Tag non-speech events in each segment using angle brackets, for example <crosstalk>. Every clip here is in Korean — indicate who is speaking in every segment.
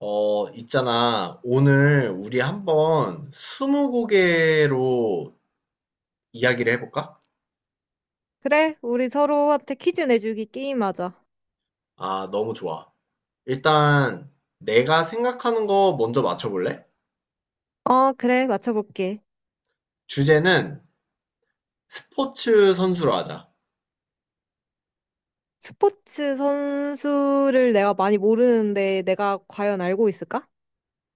Speaker 1: 있잖아. 오늘 우리 한번 스무고개로 이야기를 해볼까?
Speaker 2: 그래, 우리 서로한테 퀴즈 내주기 게임하자.
Speaker 1: 아, 너무 좋아. 일단 내가 생각하는 거 먼저 맞춰볼래?
Speaker 2: 어, 그래, 맞춰볼게.
Speaker 1: 주제는 스포츠 선수로 하자.
Speaker 2: 스포츠 선수를 내가 많이 모르는데 내가 과연 알고 있을까?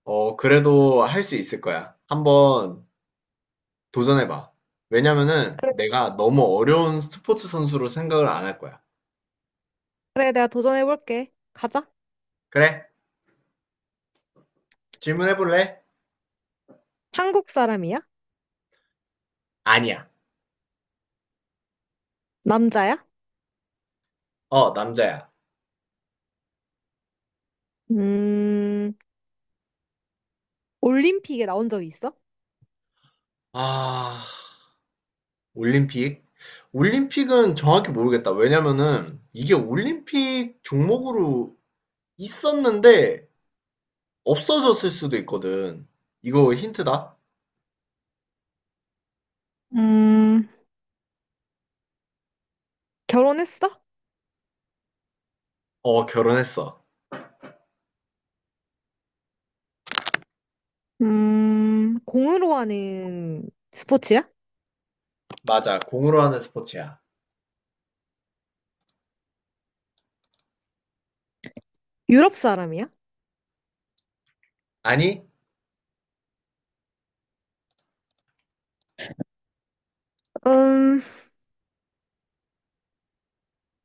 Speaker 1: 그래도 할 수 있을 거야. 한번 도전해봐. 왜냐면은 내가 너무 어려운 스포츠 선수로 생각을 안 할 거야.
Speaker 2: 그래, 내가 도전해볼게. 가자.
Speaker 1: 그래? 질문해볼래?
Speaker 2: 한국 사람이야?
Speaker 1: 아니야.
Speaker 2: 남자야?
Speaker 1: 어, 남자야.
Speaker 2: 음, 올림픽에 나온 적이 있어?
Speaker 1: 아, 올림픽? 올림픽은 정확히 모르겠다. 왜냐면은 이게 올림픽 종목으로 있었는데 없어졌을 수도 있거든. 이거 힌트다?
Speaker 2: 음, 결혼했어?
Speaker 1: 어, 결혼했어.
Speaker 2: 공으로 하는 스포츠야?
Speaker 1: 맞아. 공으로 하는 스포츠야.
Speaker 2: 유럽 사람이야?
Speaker 1: 아니?
Speaker 2: 음,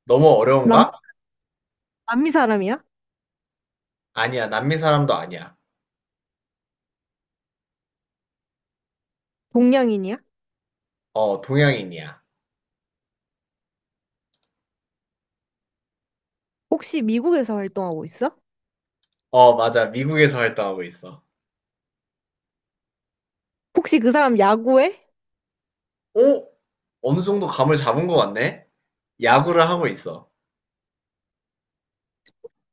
Speaker 1: 너무
Speaker 2: 남,
Speaker 1: 어려운가?
Speaker 2: 남미 사람이야?
Speaker 1: 아니야. 남미 사람도 아니야.
Speaker 2: 동양인이야?
Speaker 1: 어, 동양인이야.
Speaker 2: 혹시 미국에서 활동하고 있어?
Speaker 1: 어, 맞아. 미국에서 활동하고 있어.
Speaker 2: 혹시 그 사람 야구해?
Speaker 1: 오? 어느 정도 감을 잡은 것 같네? 야구를 하고 있어.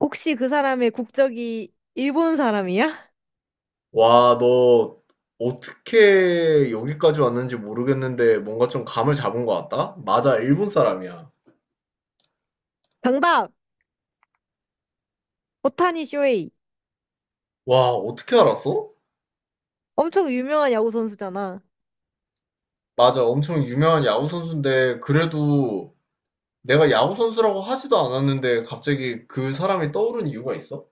Speaker 2: 혹시 그 사람의 국적이 일본 사람이야? <laughs>
Speaker 1: 와, 너 어떻게 여기까지 왔는지 모르겠는데 뭔가 좀 감을 잡은 것 같다? 맞아, 일본 사람이야.
Speaker 2: 정답! 오타니 쇼헤이.
Speaker 1: 와, 어떻게 알았어?
Speaker 2: 엄청 유명한 야구 선수잖아.
Speaker 1: 맞아, 엄청 유명한 야구 선수인데 그래도 내가 야구 선수라고 하지도 않았는데 갑자기 그 사람이 떠오른 이유가 있어?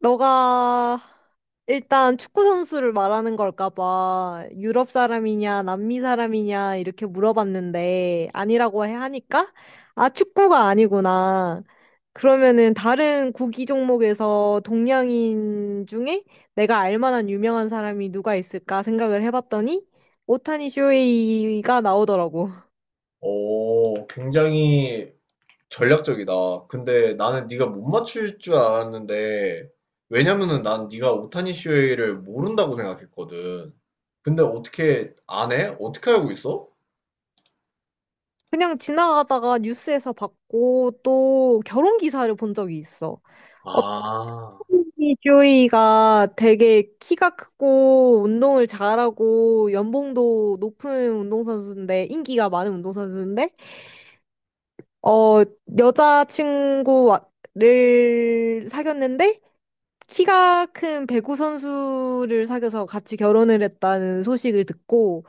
Speaker 2: 너가 일단 축구 선수를 말하는 걸까 봐 유럽 사람이냐 남미 사람이냐 이렇게 물어봤는데 아니라고 해 하니까 아 축구가 아니구나. 그러면은 다른 구기 종목에서 동양인 중에 내가 알 만한 유명한 사람이 누가 있을까 생각을 해봤더니 오타니 쇼헤이가 나오더라고.
Speaker 1: 오, 굉장히 전략적이다. 근데 나는 네가 못 맞출 줄 알았는데 왜냐면은 난 네가 오타니 슈헤이를 모른다고 생각했거든. 근데 어떻게 안 해? 어떻게 알고 있어?
Speaker 2: 그냥 지나가다가 뉴스에서 봤고 또 결혼 기사를 본 적이 있어. 어떤
Speaker 1: 아,
Speaker 2: 조이가 되게 키가 크고 운동을 잘하고 연봉도 높은 운동선수인데 인기가 많은 운동선수인데 어 여자친구를 사귀었는데 키가 큰 배구 선수를 사귀어서 같이 결혼을 했다는 소식을 듣고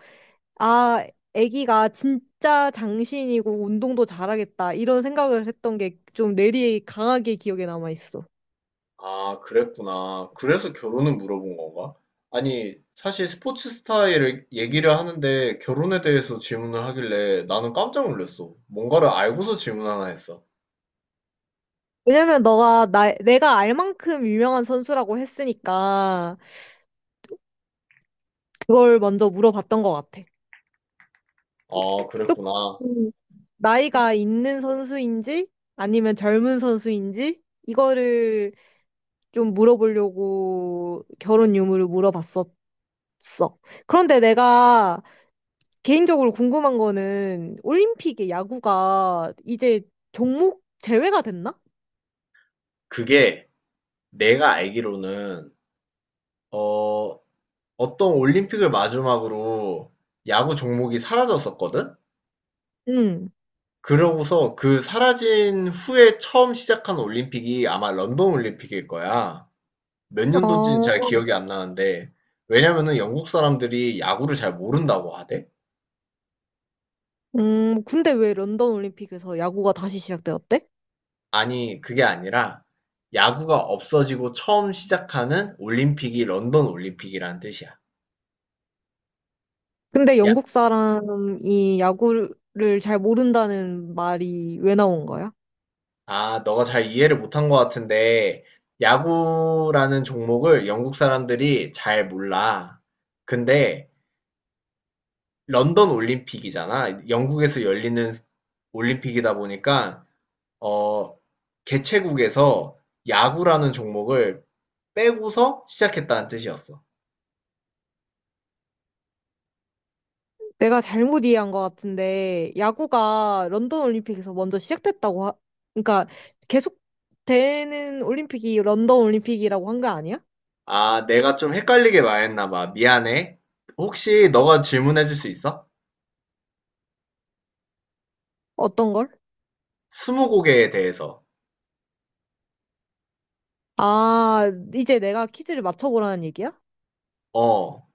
Speaker 2: 아, 애기가 진짜 장신이고 운동도 잘하겠다. 이런 생각을 했던 게 좀 뇌리에 강하게 기억에 남아 있어.
Speaker 1: 아, 그랬구나. 그래서 결혼을 물어본 건가? 아니, 사실 스포츠 스타일을 얘기를 하는데 결혼에 대해서 질문을 하길래 나는 깜짝 놀랐어. 뭔가를 알고서 질문하나 했어.
Speaker 2: 왜냐면 너가 내가 알 만큼 유명한 선수라고 했으니까 그걸 먼저 물어봤던 것 같아.
Speaker 1: 아,
Speaker 2: 조금
Speaker 1: 그랬구나.
Speaker 2: 나이가 있는 선수인지 아니면 젊은 선수인지 이거를 좀 물어보려고 결혼 유무를 물어봤었어. 그런데 내가 개인적으로 궁금한 거는 올림픽에 야구가 이제 종목 제외가 됐나?
Speaker 1: 그게 내가 알기로는, 어, 어떤 올림픽을 마지막으로 야구 종목이 사라졌었거든?
Speaker 2: 응.
Speaker 1: 그러고서 그 사라진 후에 처음 시작한 올림픽이 아마 런던 올림픽일 거야. 몇 년도인지는 잘
Speaker 2: 아...
Speaker 1: 기억이 안 나는데, 왜냐면은 영국 사람들이 야구를 잘 모른다고 하대?
Speaker 2: 근데 왜 런던 올림픽에서 야구가 다시 시작되었대?
Speaker 1: 아니, 그게 아니라, 야구가 없어지고 처음 시작하는 올림픽이 런던 올림픽이라는 뜻이야.
Speaker 2: 근데
Speaker 1: 야,
Speaker 2: 영국 사람이 야구를 잘 모른다는 말이 왜 나온 거야?
Speaker 1: 아, 너가 잘 이해를 못한 것 같은데, 야구라는 종목을 영국 사람들이 잘 몰라. 근데, 런던 올림픽이잖아. 영국에서 열리는 올림픽이다 보니까, 어, 개최국에서 야구라는 종목을 빼고서 시작했다는 뜻이었어.
Speaker 2: 내가 잘못 이해한 것 같은데 야구가 런던 올림픽에서 먼저 시작됐다고 하... 그러니까 계속 되는 올림픽이 런던 올림픽이라고 한 거 아니야?
Speaker 1: 아, 내가 좀 헷갈리게 말했나 봐. 미안해. 혹시 너가 질문해 줄 수 있어?
Speaker 2: 어떤 걸?
Speaker 1: 스무고개에 대해서.
Speaker 2: 아, 이제 내가 퀴즈를 맞춰보라는 얘기야?
Speaker 1: 어,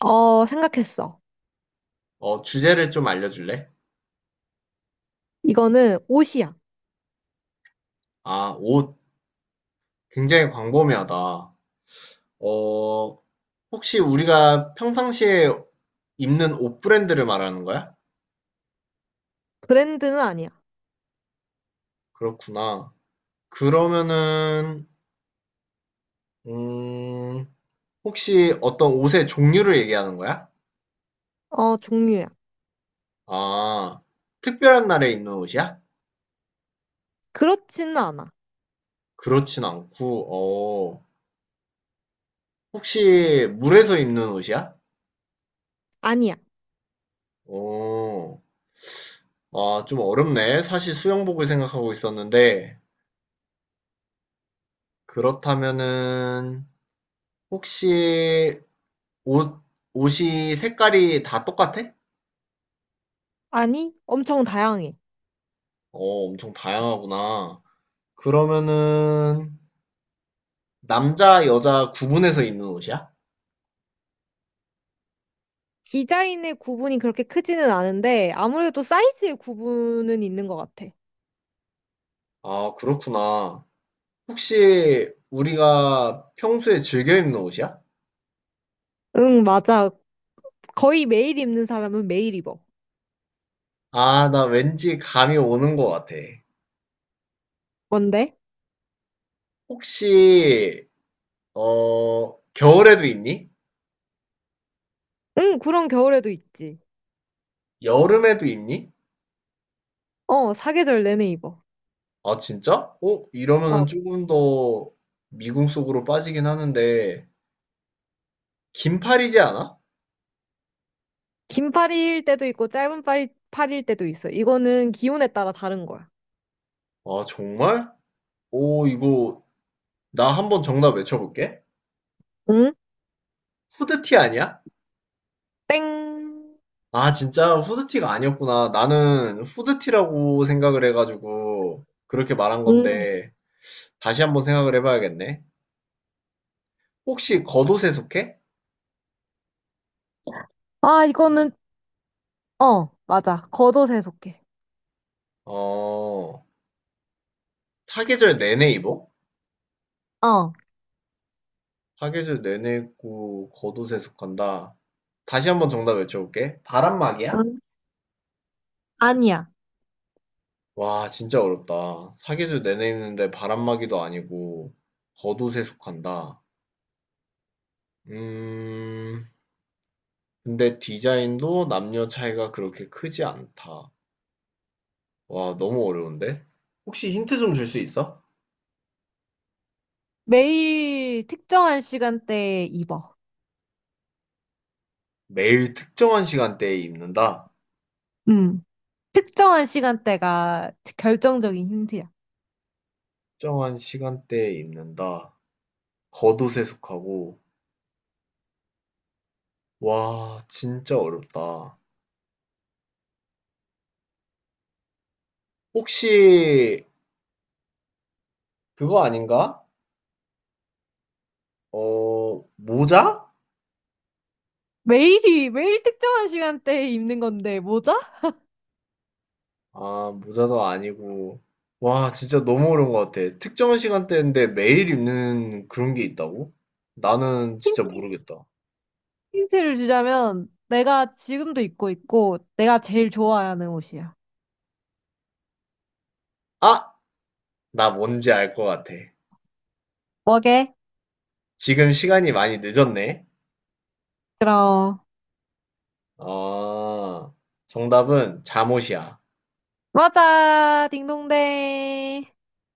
Speaker 2: 어, 생각했어.
Speaker 1: 주제를 좀 알려줄래?
Speaker 2: 이거는 옷이야.
Speaker 1: 아, 옷. 굉장히 광범위하다. 어, 혹시 우리가 평상시에 입는 옷 브랜드를 말하는 거야?
Speaker 2: 브랜드는 아니야.
Speaker 1: 그렇구나. 그러면은, 음, 혹시 어떤 옷의 종류를 얘기하는 거야?
Speaker 2: 어, 종류야.
Speaker 1: 아, 특별한 날에 입는 옷이야?
Speaker 2: 그렇지는 않아.
Speaker 1: 그렇진 않고, 혹시 물에서 입는 옷이야?
Speaker 2: 아니야.
Speaker 1: 어, 아, 좀 어렵네. 사실 수영복을 생각하고 있었는데, 그렇다면은, 혹시 옷, 옷이 색깔이 다 똑같아?
Speaker 2: 아니, 엄청 다양해.
Speaker 1: 어, 엄청 다양하구나. 그러면은, 남자, 여자 구분해서 입는 옷이야?
Speaker 2: 디자인의 구분이 그렇게 크지는 않은데, 아무래도 사이즈의 구분은 있는 것 같아.
Speaker 1: 아, 그렇구나. 혹시 우리가 평소에 즐겨 입는 옷이야?
Speaker 2: 응, 맞아. 거의 매일 입는 사람은 매일 입어.
Speaker 1: 아, 나 왠지 감이 오는 것 같아.
Speaker 2: 뭔데?
Speaker 1: 혹시 어 겨울에도 입니?
Speaker 2: 응, 그런 겨울에도 있지.
Speaker 1: 여름에도 입니?
Speaker 2: 어, 사계절 내내 입어.
Speaker 1: 아 진짜? 어 이러면은
Speaker 2: 어.
Speaker 1: 조금 더 미궁 속으로 빠지긴 하는데 긴팔이지 않아?
Speaker 2: 긴 팔일 때도 있고, 팔일 때도 있어. 이거는 기온에 따라 다른 거야.
Speaker 1: 아 정말? 오 이거 나 한번 정답 외쳐볼게.
Speaker 2: 음,
Speaker 1: 후드티 아니야?
Speaker 2: 땡.
Speaker 1: 아 진짜 후드티가 아니었구나. 나는 후드티라고 생각을 해가지고 그렇게 말한
Speaker 2: 응.
Speaker 1: 건데 다시 한번 생각을 해봐야겠네. 혹시 겉옷에 속해?
Speaker 2: 아, 이거는 맞아. 겉옷에 속해.
Speaker 1: 어 사계절 내내 입어?
Speaker 2: 어,
Speaker 1: 사계절 내내고 겉옷에 속한다. 다시 한번 정답 외쳐볼게. 바람막이야?
Speaker 2: 응. 아니야.
Speaker 1: 와, 진짜 어렵다. 사계절 내내 입는데 바람막이도 아니고 겉옷에 속한다. 음, 근데 디자인도 남녀 차이가 그렇게 크지 않다. 와, 너무 어려운데? 혹시 힌트 좀 줄 수 있어?
Speaker 2: 매일 특정한 시간대에 입어.
Speaker 1: 매일 특정한 시간대에 입는다.
Speaker 2: 음. 특정한 시간대가 결정적인 힌트야.
Speaker 1: 특정한 시간대에 입는다. 겉옷에 속하고. 와, 진짜 어렵다. 혹시 그거 아닌가? 어, 모자?
Speaker 2: 매일 특정한 시간대에 입는 건데, 모자?
Speaker 1: 아, 모자도 아니고. 와, 진짜 너무 어려운 것 같아. 특정한 시간대인데 매일 입는 그런 게 있다고? 나는 진짜
Speaker 2: 힌-
Speaker 1: 모르겠다.
Speaker 2: 힌트를 주자면, 내가 지금도 입고 있고, 내가 제일 좋아하는 옷이야.
Speaker 1: 아! 나 뭔지 알 것 같아.
Speaker 2: 뭐게?
Speaker 1: 지금 시간이 많이 늦었네.
Speaker 2: 그럼,
Speaker 1: 아, 정답은 잠옷이야.
Speaker 2: 맞아. 딩동댕.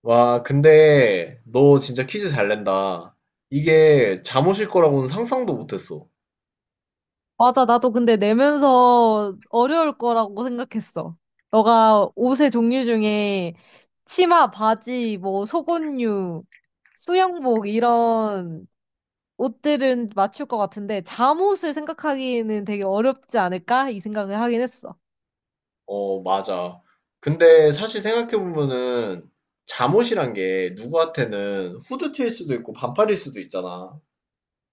Speaker 1: 와, 근데 너 진짜 퀴즈 잘 낸다. 이게 잠옷일 거라고는 상상도 못했어.
Speaker 2: 맞아, 나도 근데 내면서 어려울 거라고 생각했어. 너가 옷의 종류 중에 치마, 바지, 뭐 속옷류, 수영복 이런 옷들은 맞출 것 같은데 잠옷을 생각하기에는 되게 어렵지 않을까? 이 생각을 하긴 했어.
Speaker 1: 어, 맞아. 근데 사실 생각해보면은 잠옷이란 게 누구한테는 후드티일 수도 있고 반팔일 수도 있잖아.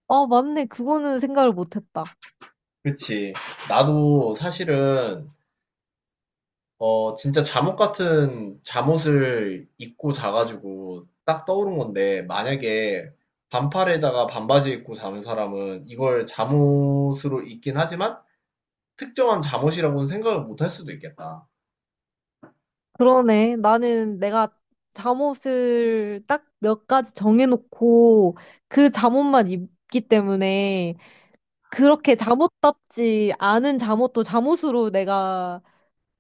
Speaker 2: 아, 맞네. 그거는 생각을 못했다.
Speaker 1: 그치. 나도 사실은, 진짜 잠옷 같은 잠옷을 입고 자가지고 딱 떠오른 건데, 만약에 반팔에다가 반바지 입고 자는 사람은 이걸 잠옷으로 입긴 하지만 특정한 잠옷이라고는 생각을 못할 수도 있겠다.
Speaker 2: 그러네. 나는 내가 잠옷을 딱 몇 가지 정해놓고 그 잠옷만 입기 때문에 그렇게 잠옷답지 않은 잠옷도 잠옷으로 내가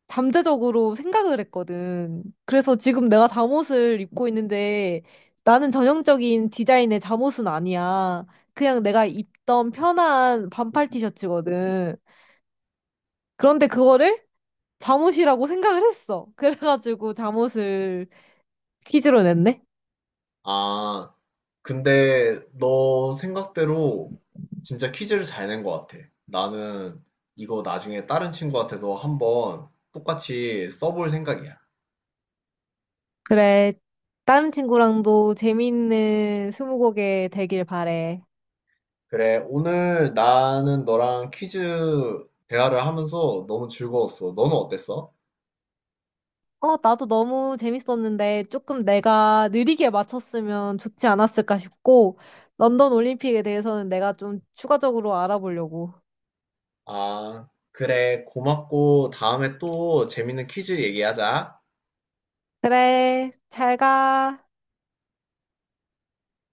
Speaker 2: 잠재적으로 생각을 했거든. 그래서 지금 내가 잠옷을 입고 있는데 나는 전형적인 디자인의 잠옷은 아니야. 그냥 내가 입던 편한 반팔 티셔츠거든. 그런데 그거를 잠옷이라고 생각을 했어. 그래가지고 잠옷을 퀴즈로 냈네.
Speaker 1: 아, 근데 너 생각대로 진짜 퀴즈를 잘 낸 것 같아. 나는 이거 나중에 다른 친구한테도 한번 똑같이 써볼 생각이야.
Speaker 2: 그래. 다른 친구랑도 재미있는 스무고개 되길 바래.
Speaker 1: 그래, 오늘 나는 너랑 퀴즈 대화를 하면서 너무 즐거웠어. 너는 어땠어?
Speaker 2: 어, 나도 너무 재밌었는데 조금 내가 느리게 맞췄으면 좋지 않았을까 싶고, 런던 올림픽에 대해서는 내가 좀 추가적으로 알아보려고.
Speaker 1: 아, 그래, 고맙고 다음에 또 재밌는 퀴즈 얘기하자.
Speaker 2: 그래, 잘 가.